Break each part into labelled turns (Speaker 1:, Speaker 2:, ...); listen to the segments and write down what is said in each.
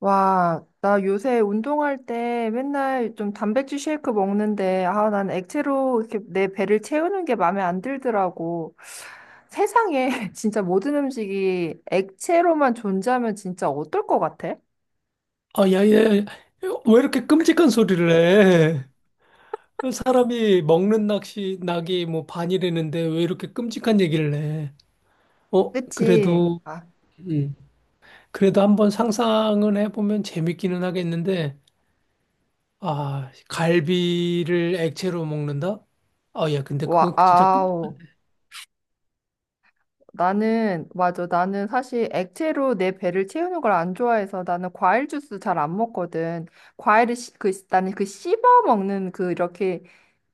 Speaker 1: 와, 나 요새 운동할 때 맨날 좀 단백질 쉐이크 먹는데, 아, 난 액체로 이렇게 내 배를 채우는 게 마음에 안 들더라고. 세상에 진짜 모든 음식이 액체로만 존재하면 진짜 어떨 것 같아?
Speaker 2: 아, 야, 야, 야. 왜 이렇게 끔찍한 소리를 해? 사람이 먹는 낙이 뭐 반이라는데 왜 이렇게 끔찍한 얘기를 해? 어,
Speaker 1: 그치?
Speaker 2: 그래도,
Speaker 1: 아,
Speaker 2: 음, 그래도 한번 상상은 해보면 재밌기는 하겠는데, 아, 갈비를 액체로 먹는다? 아, 야, 근데
Speaker 1: 와,
Speaker 2: 그건 진짜 끔,
Speaker 1: 아우. 나는, 맞아. 나는 사실 액체로 내 배를 채우는 걸 안 좋아해서 나는 과일 주스 잘 안 먹거든. 그, 나는 그 씹어 먹는 그 이렇게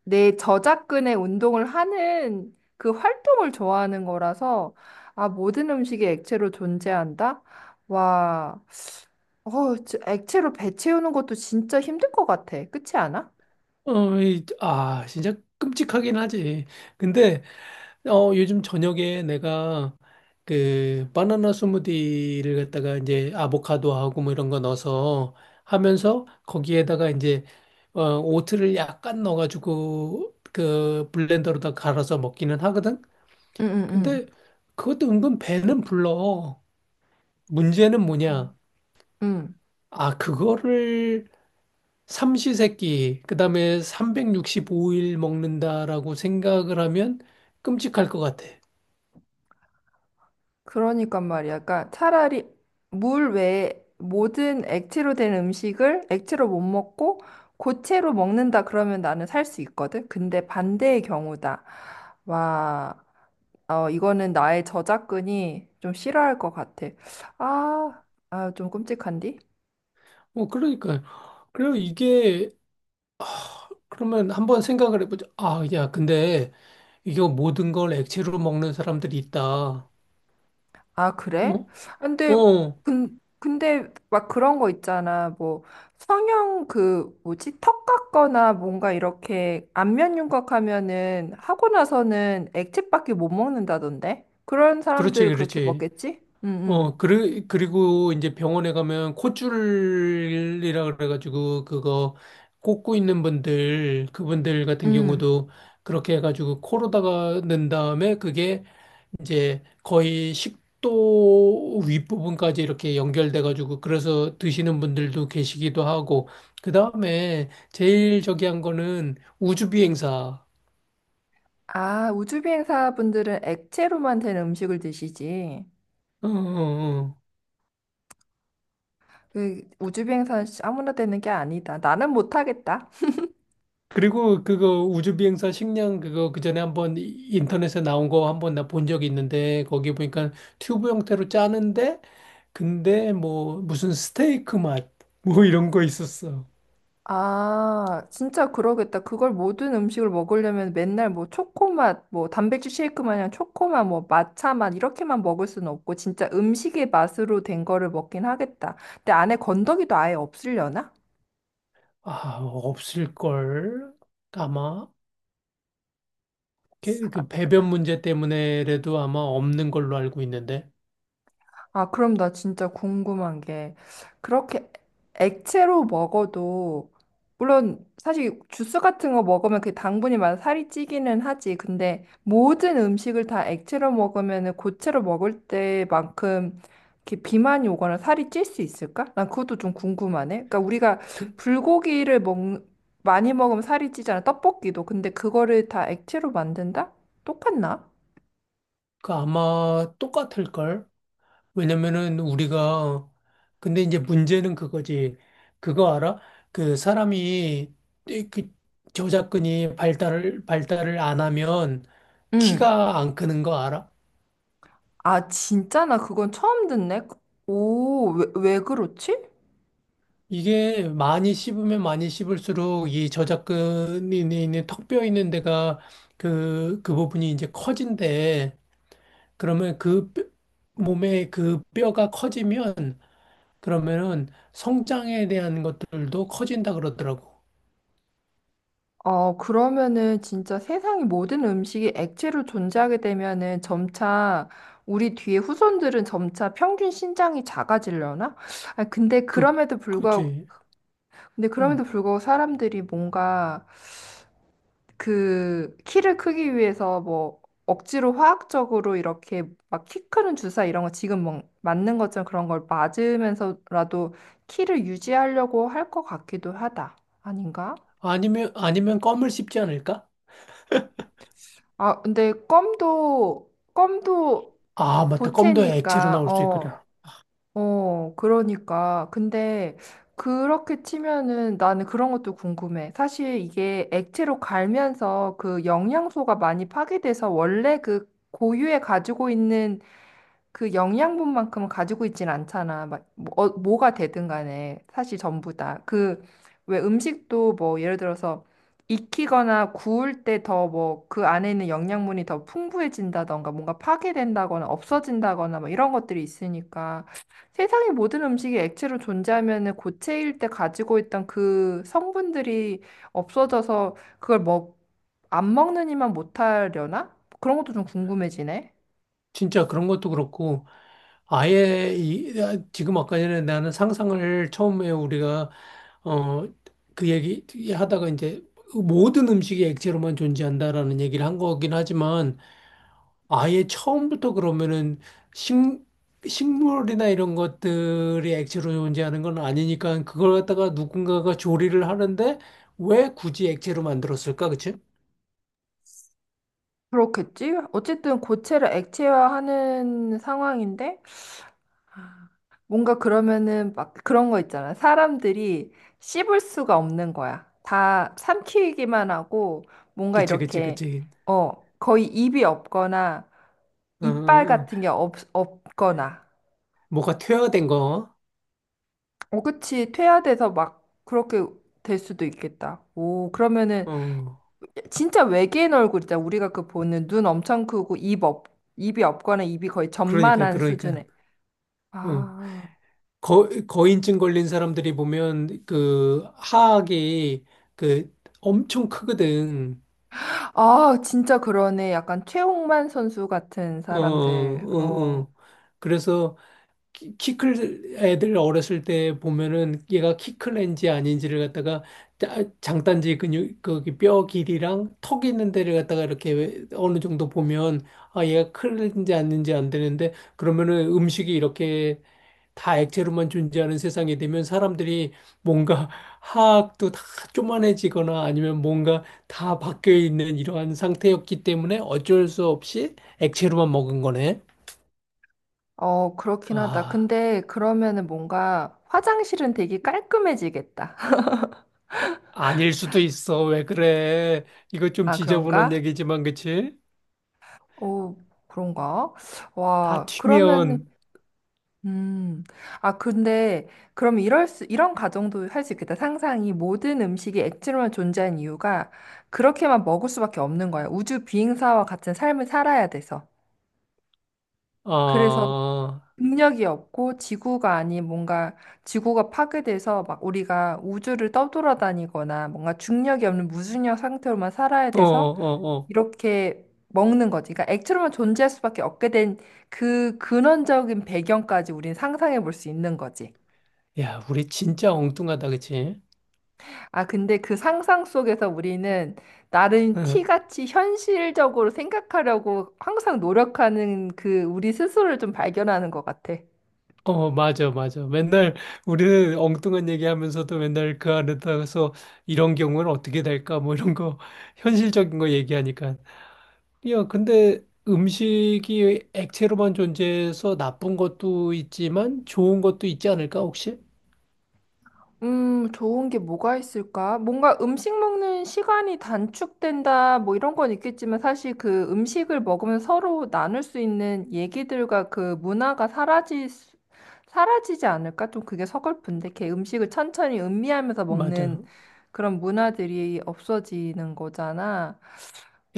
Speaker 1: 내 저작근의 운동을 하는 그 활동을 좋아하는 거라서, 아, 모든 음식이 액체로 존재한다? 와, 저 액체로 배 채우는 것도 진짜 힘들 것 같아. 그렇지 않아?
Speaker 2: 아, 진짜 끔찍하긴 하지. 근데, 요즘 저녁에 내가 그 바나나 스무디를 갖다가 이제 아보카도하고 뭐 이런 거 넣어서 하면서 거기에다가 이제 오트를 약간 넣어가지고 그 블렌더로다 갈아서 먹기는 하거든.
Speaker 1: 응응응.
Speaker 2: 근데 그것도 은근 배는 불러. 문제는 뭐냐?
Speaker 1: 음,
Speaker 2: 아, 그거를 삼시세끼, 그다음에 365일 먹는다라고 생각을 하면 끔찍할 것 같아.
Speaker 1: 그러니까 말이야. 그러니까 차라리 물 외에 모든 액체로 된 음식을 액체로 못 먹고 고체로 먹는다 그러면 나는 살 수 있거든. 근데 반대의 경우다. 와. 이거는 나의 저작근이 좀 싫어할 것 같아. 아, 아, 좀 끔찍한디?
Speaker 2: 뭐 그러니까 그리고 이게 그러면 한번 생각을 해보자. 아, 야, 근데 이거 모든 걸 액체로 먹는 사람들이 있다.
Speaker 1: 아, 그래?
Speaker 2: 어?
Speaker 1: 근데,
Speaker 2: 어,
Speaker 1: 근데 막 그런 거 있잖아. 뭐, 성형 그, 뭐지? 턱 깎거나 뭔가 이렇게 안면 윤곽하면은 하고 나서는 액체밖에 못 먹는다던데? 그런
Speaker 2: 그렇지,
Speaker 1: 사람들은 그렇게
Speaker 2: 그렇지.
Speaker 1: 먹겠지? 응, 응.
Speaker 2: 어, 그리고 이제 병원에 가면 콧줄이라 그래가지고 그거 꽂고 있는 분들, 그분들 같은
Speaker 1: 응.
Speaker 2: 경우도 그렇게 해가지고 코로다가 넣은 다음에 그게 이제 거의 식도 윗부분까지 이렇게 연결돼가지고 그래서 드시는 분들도 계시기도 하고 그 다음에 제일 저기 한 거는 우주비행사.
Speaker 1: 아, 우주비행사 분들은 액체로만 된 음식을 드시지.
Speaker 2: 어, 어, 어.
Speaker 1: 그 우주 비행사는 진짜 아무나 되는 게 아니다. 나는 못하겠다.
Speaker 2: 그리고 그거 우주비행사 식량 그거 그 전에 한번 인터넷에 나온 거 한번 나 본 적이 있는데 거기 보니까 튜브 형태로 짜는데 근데 뭐 무슨 스테이크 맛 뭐 이런 거 있었어.
Speaker 1: 아, 진짜 그러겠다. 그걸 모든 음식을 먹으려면 맨날 뭐 초코맛, 뭐 단백질 쉐이크 마냥 초코맛, 뭐 matcha 맛 이렇게만 먹을 수는 없고 진짜 음식의 맛으로 된 거를 먹긴 하겠다. 근데 안에 건더기도 아예 없으려나?
Speaker 2: 아 없을걸, 아마. 그 배변 문제 때문에라도 아마 없는 걸로 알고 있는데.
Speaker 1: 아, 그럼 나 진짜 궁금한 게, 그렇게 액체로 먹어도, 물론 사실 주스 같은 거 먹으면 그 당분이 많아 살이 찌기는 하지. 근데 모든 음식을 다 액체로 먹으면 고체로 먹을 때만큼 이렇게 비만이 오거나 살이 찔 수 있을까? 난 그것도 좀 궁금하네. 그러니까 우리가
Speaker 2: 그,
Speaker 1: 불고기를 먹, 많이 먹으면 살이 찌잖아. 떡볶이도. 근데 그거를 다 액체로 만든다? 똑같나?
Speaker 2: 그 아마 똑같을걸? 왜냐면은 우리가 근데 이제 문제는 그거지. 그거 알아? 그 사람이 그 저작근이 발달을 안 하면
Speaker 1: 응.
Speaker 2: 키가 안 크는 거 알아?
Speaker 1: 아, 진짜? 나 그건 처음 듣네. 오, 왜, 왜 그렇지?
Speaker 2: 이게 많이 씹으면 많이 씹을수록 이 저작근이 있는 턱뼈 있는 데가 그 부분이 이제 커진대. 그러면 그 뼈- 몸의 그 뼈가 커지면 그러면은 성장에 대한 것들도 커진다 그러더라고.
Speaker 1: 어, 그러면은 진짜 세상의 모든 음식이 액체로 존재하게 되면은 점차 우리 뒤에 후손들은 점차 평균 신장이 작아지려나? 아, 근데
Speaker 2: 그,
Speaker 1: 그럼에도 불구하고,
Speaker 2: 그치.
Speaker 1: 근데 그럼에도
Speaker 2: 어.
Speaker 1: 불구하고 사람들이 뭔가 그 키를 크기 위해서 뭐 억지로 화학적으로 이렇게 막 키 크는 주사 이런 거 지금 막 맞는 것처럼 그런 걸 맞으면서라도 키를 유지하려고 할 것 같기도 하다. 아닌가?
Speaker 2: 아니면, 아니면 껌을 씹지 않을까?
Speaker 1: 아, 근데 껌도
Speaker 2: 아, 맞다. 껌도 액체로
Speaker 1: 고체니까
Speaker 2: 나올 수
Speaker 1: 어
Speaker 2: 있구나.
Speaker 1: 어, 그러니까. 근데 그렇게 치면은 나는 그런 것도 궁금해. 사실 이게 액체로 갈면서 그 영양소가 많이 파괴돼서 원래 그 고유에 가지고 있는 그 영양분만큼은 가지고 있진 않잖아. 막, 뭐, 뭐가 되든 간에, 사실 전부 다. 그, 왜 음식도 뭐, 예를 들어서 익히거나 구울 때 더 뭐, 그 안에 있는 영양분이 더 풍부해진다던가, 뭔가 파괴된다거나, 없어진다거나, 뭐, 이런 것들이 있으니까. 세상의 모든 음식이 액체로 존재하면은 고체일 때 가지고 있던 그 성분들이 없어져서 안 먹느니만 못하려나? 그런 것도 좀 궁금해지네.
Speaker 2: 진짜 그런 것도 그렇고, 아예 지금 아까 전에 나는 상상을 처음에 우리가, 어, 그 얘기 하다가 이제 모든 음식이 액체로만 존재한다라는 얘기를 한 거긴 하지만, 아예 처음부터 그러면은 식, 식물이나 이런 것들이 액체로 존재하는 건 아니니까 그걸 갖다가 누군가가 조리를 하는데 왜 굳이 액체로 만들었을까? 그치?
Speaker 1: 그렇겠지? 어쨌든 고체를 액체화하는 상황인데, 아, 뭔가 그러면은 막 그런 거 있잖아. 사람들이 씹을 수가 없는 거야. 다 삼키기만 하고, 뭔가
Speaker 2: 그치, 그치,
Speaker 1: 이렇게,
Speaker 2: 그치.
Speaker 1: 어, 거의 입이 없거나,
Speaker 2: 어, 어,
Speaker 1: 이빨
Speaker 2: 어.
Speaker 1: 같은 게 없, 없거나.
Speaker 2: 뭐가 퇴화된 거.
Speaker 1: 어, 그치. 퇴화돼서 막 그렇게 될 수도 있겠다. 오, 그러면은
Speaker 2: 어,
Speaker 1: 진짜 외계인 얼굴이다. 우리가 그 보는 눈 엄청 크고, 입이 없거나 입이 거의
Speaker 2: 그러니까,
Speaker 1: 전만한
Speaker 2: 그러니까.
Speaker 1: 수준의.
Speaker 2: 어.
Speaker 1: 아,
Speaker 2: 거인증 걸린 사람들이 보면 그 하악이 그 엄청 크거든.
Speaker 1: 아, 진짜 그러네. 약간 최홍만 선수 같은
Speaker 2: 어,
Speaker 1: 사람들.
Speaker 2: 어,
Speaker 1: 어,
Speaker 2: 어. 그래서 키클 애들 어렸을 때 보면은 얘가 키클인지 아닌지를 갖다가 장단지 근육 거기 뼈 길이랑 턱 있는 데를 갖다가 이렇게 어느 정도 보면 아 얘가 클인지 아닌지 안 되는데 그러면은 음식이 이렇게 다 액체로만 존재하는 세상이 되면 사람들이 뭔가 하악도 다 쪼만해지거나 아니면 뭔가 다 바뀌어 있는 이러한 상태였기 때문에 어쩔 수 없이 액체로만 먹은 거네.
Speaker 1: 어, 그렇긴 하다.
Speaker 2: 아.
Speaker 1: 근데 그러면은 뭔가 화장실은 되게 깔끔해지겠다.
Speaker 2: 아닐 수도 있어. 왜 그래? 이거 좀
Speaker 1: 아,
Speaker 2: 지저분한
Speaker 1: 그런가?
Speaker 2: 얘기지만, 그치?
Speaker 1: 오, 그런가?
Speaker 2: 다
Speaker 1: 와, 그러면은,
Speaker 2: 튀면,
Speaker 1: 음, 아, 근데 이런 가정도 할 수 있겠다. 상상이 모든 음식이 액체로만 존재한 이유가 그렇게만 먹을 수밖에 없는 거야. 우주 비행사와 같은 삶을 살아야 돼서. 그래서
Speaker 2: 아,
Speaker 1: 능력이 없고 지구가 아닌 뭔가 지구가 파괴돼서 막 우리가 우주를 떠돌아다니거나 뭔가 중력이 없는 무중력 상태로만 살아야
Speaker 2: 어,
Speaker 1: 돼서
Speaker 2: 어, 어.
Speaker 1: 이렇게 먹는 거지. 그러니까 액체로만 존재할 수밖에 없게 된 그 근원적인 배경까지 우린 상상해 볼 수 있는 거지.
Speaker 2: 야, 우리 진짜 엉뚱하다, 그치?
Speaker 1: 아, 근데 그 상상 속에서 우리는 나름
Speaker 2: 응.
Speaker 1: 티같이 현실적으로 생각하려고 항상 노력하는 그 우리 스스로를 좀 발견하는 것 같아.
Speaker 2: 어, 맞아, 맞아. 맨날 우리는 엉뚱한 얘기하면서도 맨날 그 안에다가서 이런 경우는 어떻게 될까? 뭐 이런 거, 현실적인 거 얘기하니까. 야, 근데 음식이 액체로만 존재해서 나쁜 것도 있지만 좋은 것도 있지 않을까, 혹시?
Speaker 1: 좋은 게 뭐가 있을까? 뭔가 음식 먹는 시간이 단축된다, 뭐 이런 건 있겠지만 사실 그 음식을 먹으면 서로 나눌 수 있는 얘기들과 그 문화가 사라지지 않을까? 좀 그게 서글픈데, 걔 음식을 천천히 음미하면서 먹는
Speaker 2: 맞아.
Speaker 1: 그런 문화들이 없어지는 거잖아.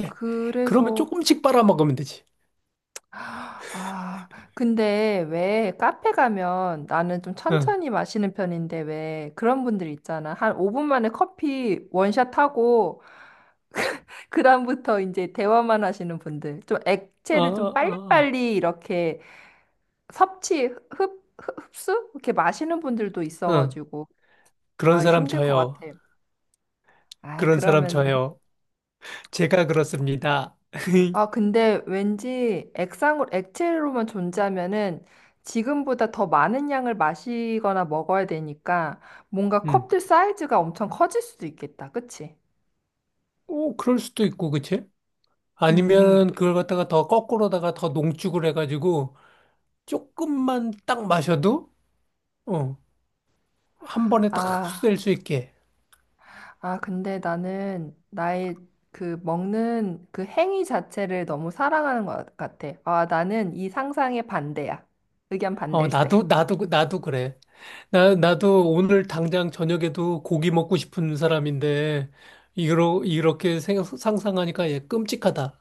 Speaker 2: 예. 그러면
Speaker 1: 그래서
Speaker 2: 조금씩 빨아먹으면 되지.
Speaker 1: 아, 근데 왜 카페 가면 나는 좀
Speaker 2: 응.
Speaker 1: 천천히 마시는 편인데 왜 그런 분들 있잖아. 한 5분 만에 커피 원샷 하고 그다음부터 이제 대화만 하시는 분들. 좀
Speaker 2: 어,
Speaker 1: 액체를
Speaker 2: 어,
Speaker 1: 좀
Speaker 2: 어, 어.
Speaker 1: 빨리빨리 이렇게 흡수? 이렇게 마시는 분들도
Speaker 2: 응.
Speaker 1: 있어가지고.
Speaker 2: 그런
Speaker 1: 아,
Speaker 2: 사람
Speaker 1: 힘들 것 같아.
Speaker 2: 저요.
Speaker 1: 아,
Speaker 2: 그런 사람
Speaker 1: 그러면은
Speaker 2: 저요. 제가 그렇습니다.
Speaker 1: 아, 근데 왠지 액상으로, 액체로만 존재하면은 지금보다 더 많은 양을 마시거나 먹어야 되니까 뭔가
Speaker 2: 음.
Speaker 1: 컵들 사이즈가 엄청 커질 수도 있겠다. 그치?
Speaker 2: 오, 그럴 수도 있고, 그치?
Speaker 1: 응, 응.
Speaker 2: 아니면 그걸 갖다가 더 거꾸로다가 더 농축을 해가지고 조금만 딱 마셔도, 어, 한 번에 딱
Speaker 1: 아,
Speaker 2: 흡수될 수 있게.
Speaker 1: 아, 근데 나는 나의 그 먹는 그 행위 자체를 너무 사랑하는 것 같아. 아, 나는 이 상상의 반대야. 의견
Speaker 2: 어, 나도,
Speaker 1: 반댈세.
Speaker 2: 나도, 나도 그래. 나도 오늘 당장 저녁에도 고기 먹고 싶은 사람인데, 이렇게 상상하니까 얘 끔찍하다.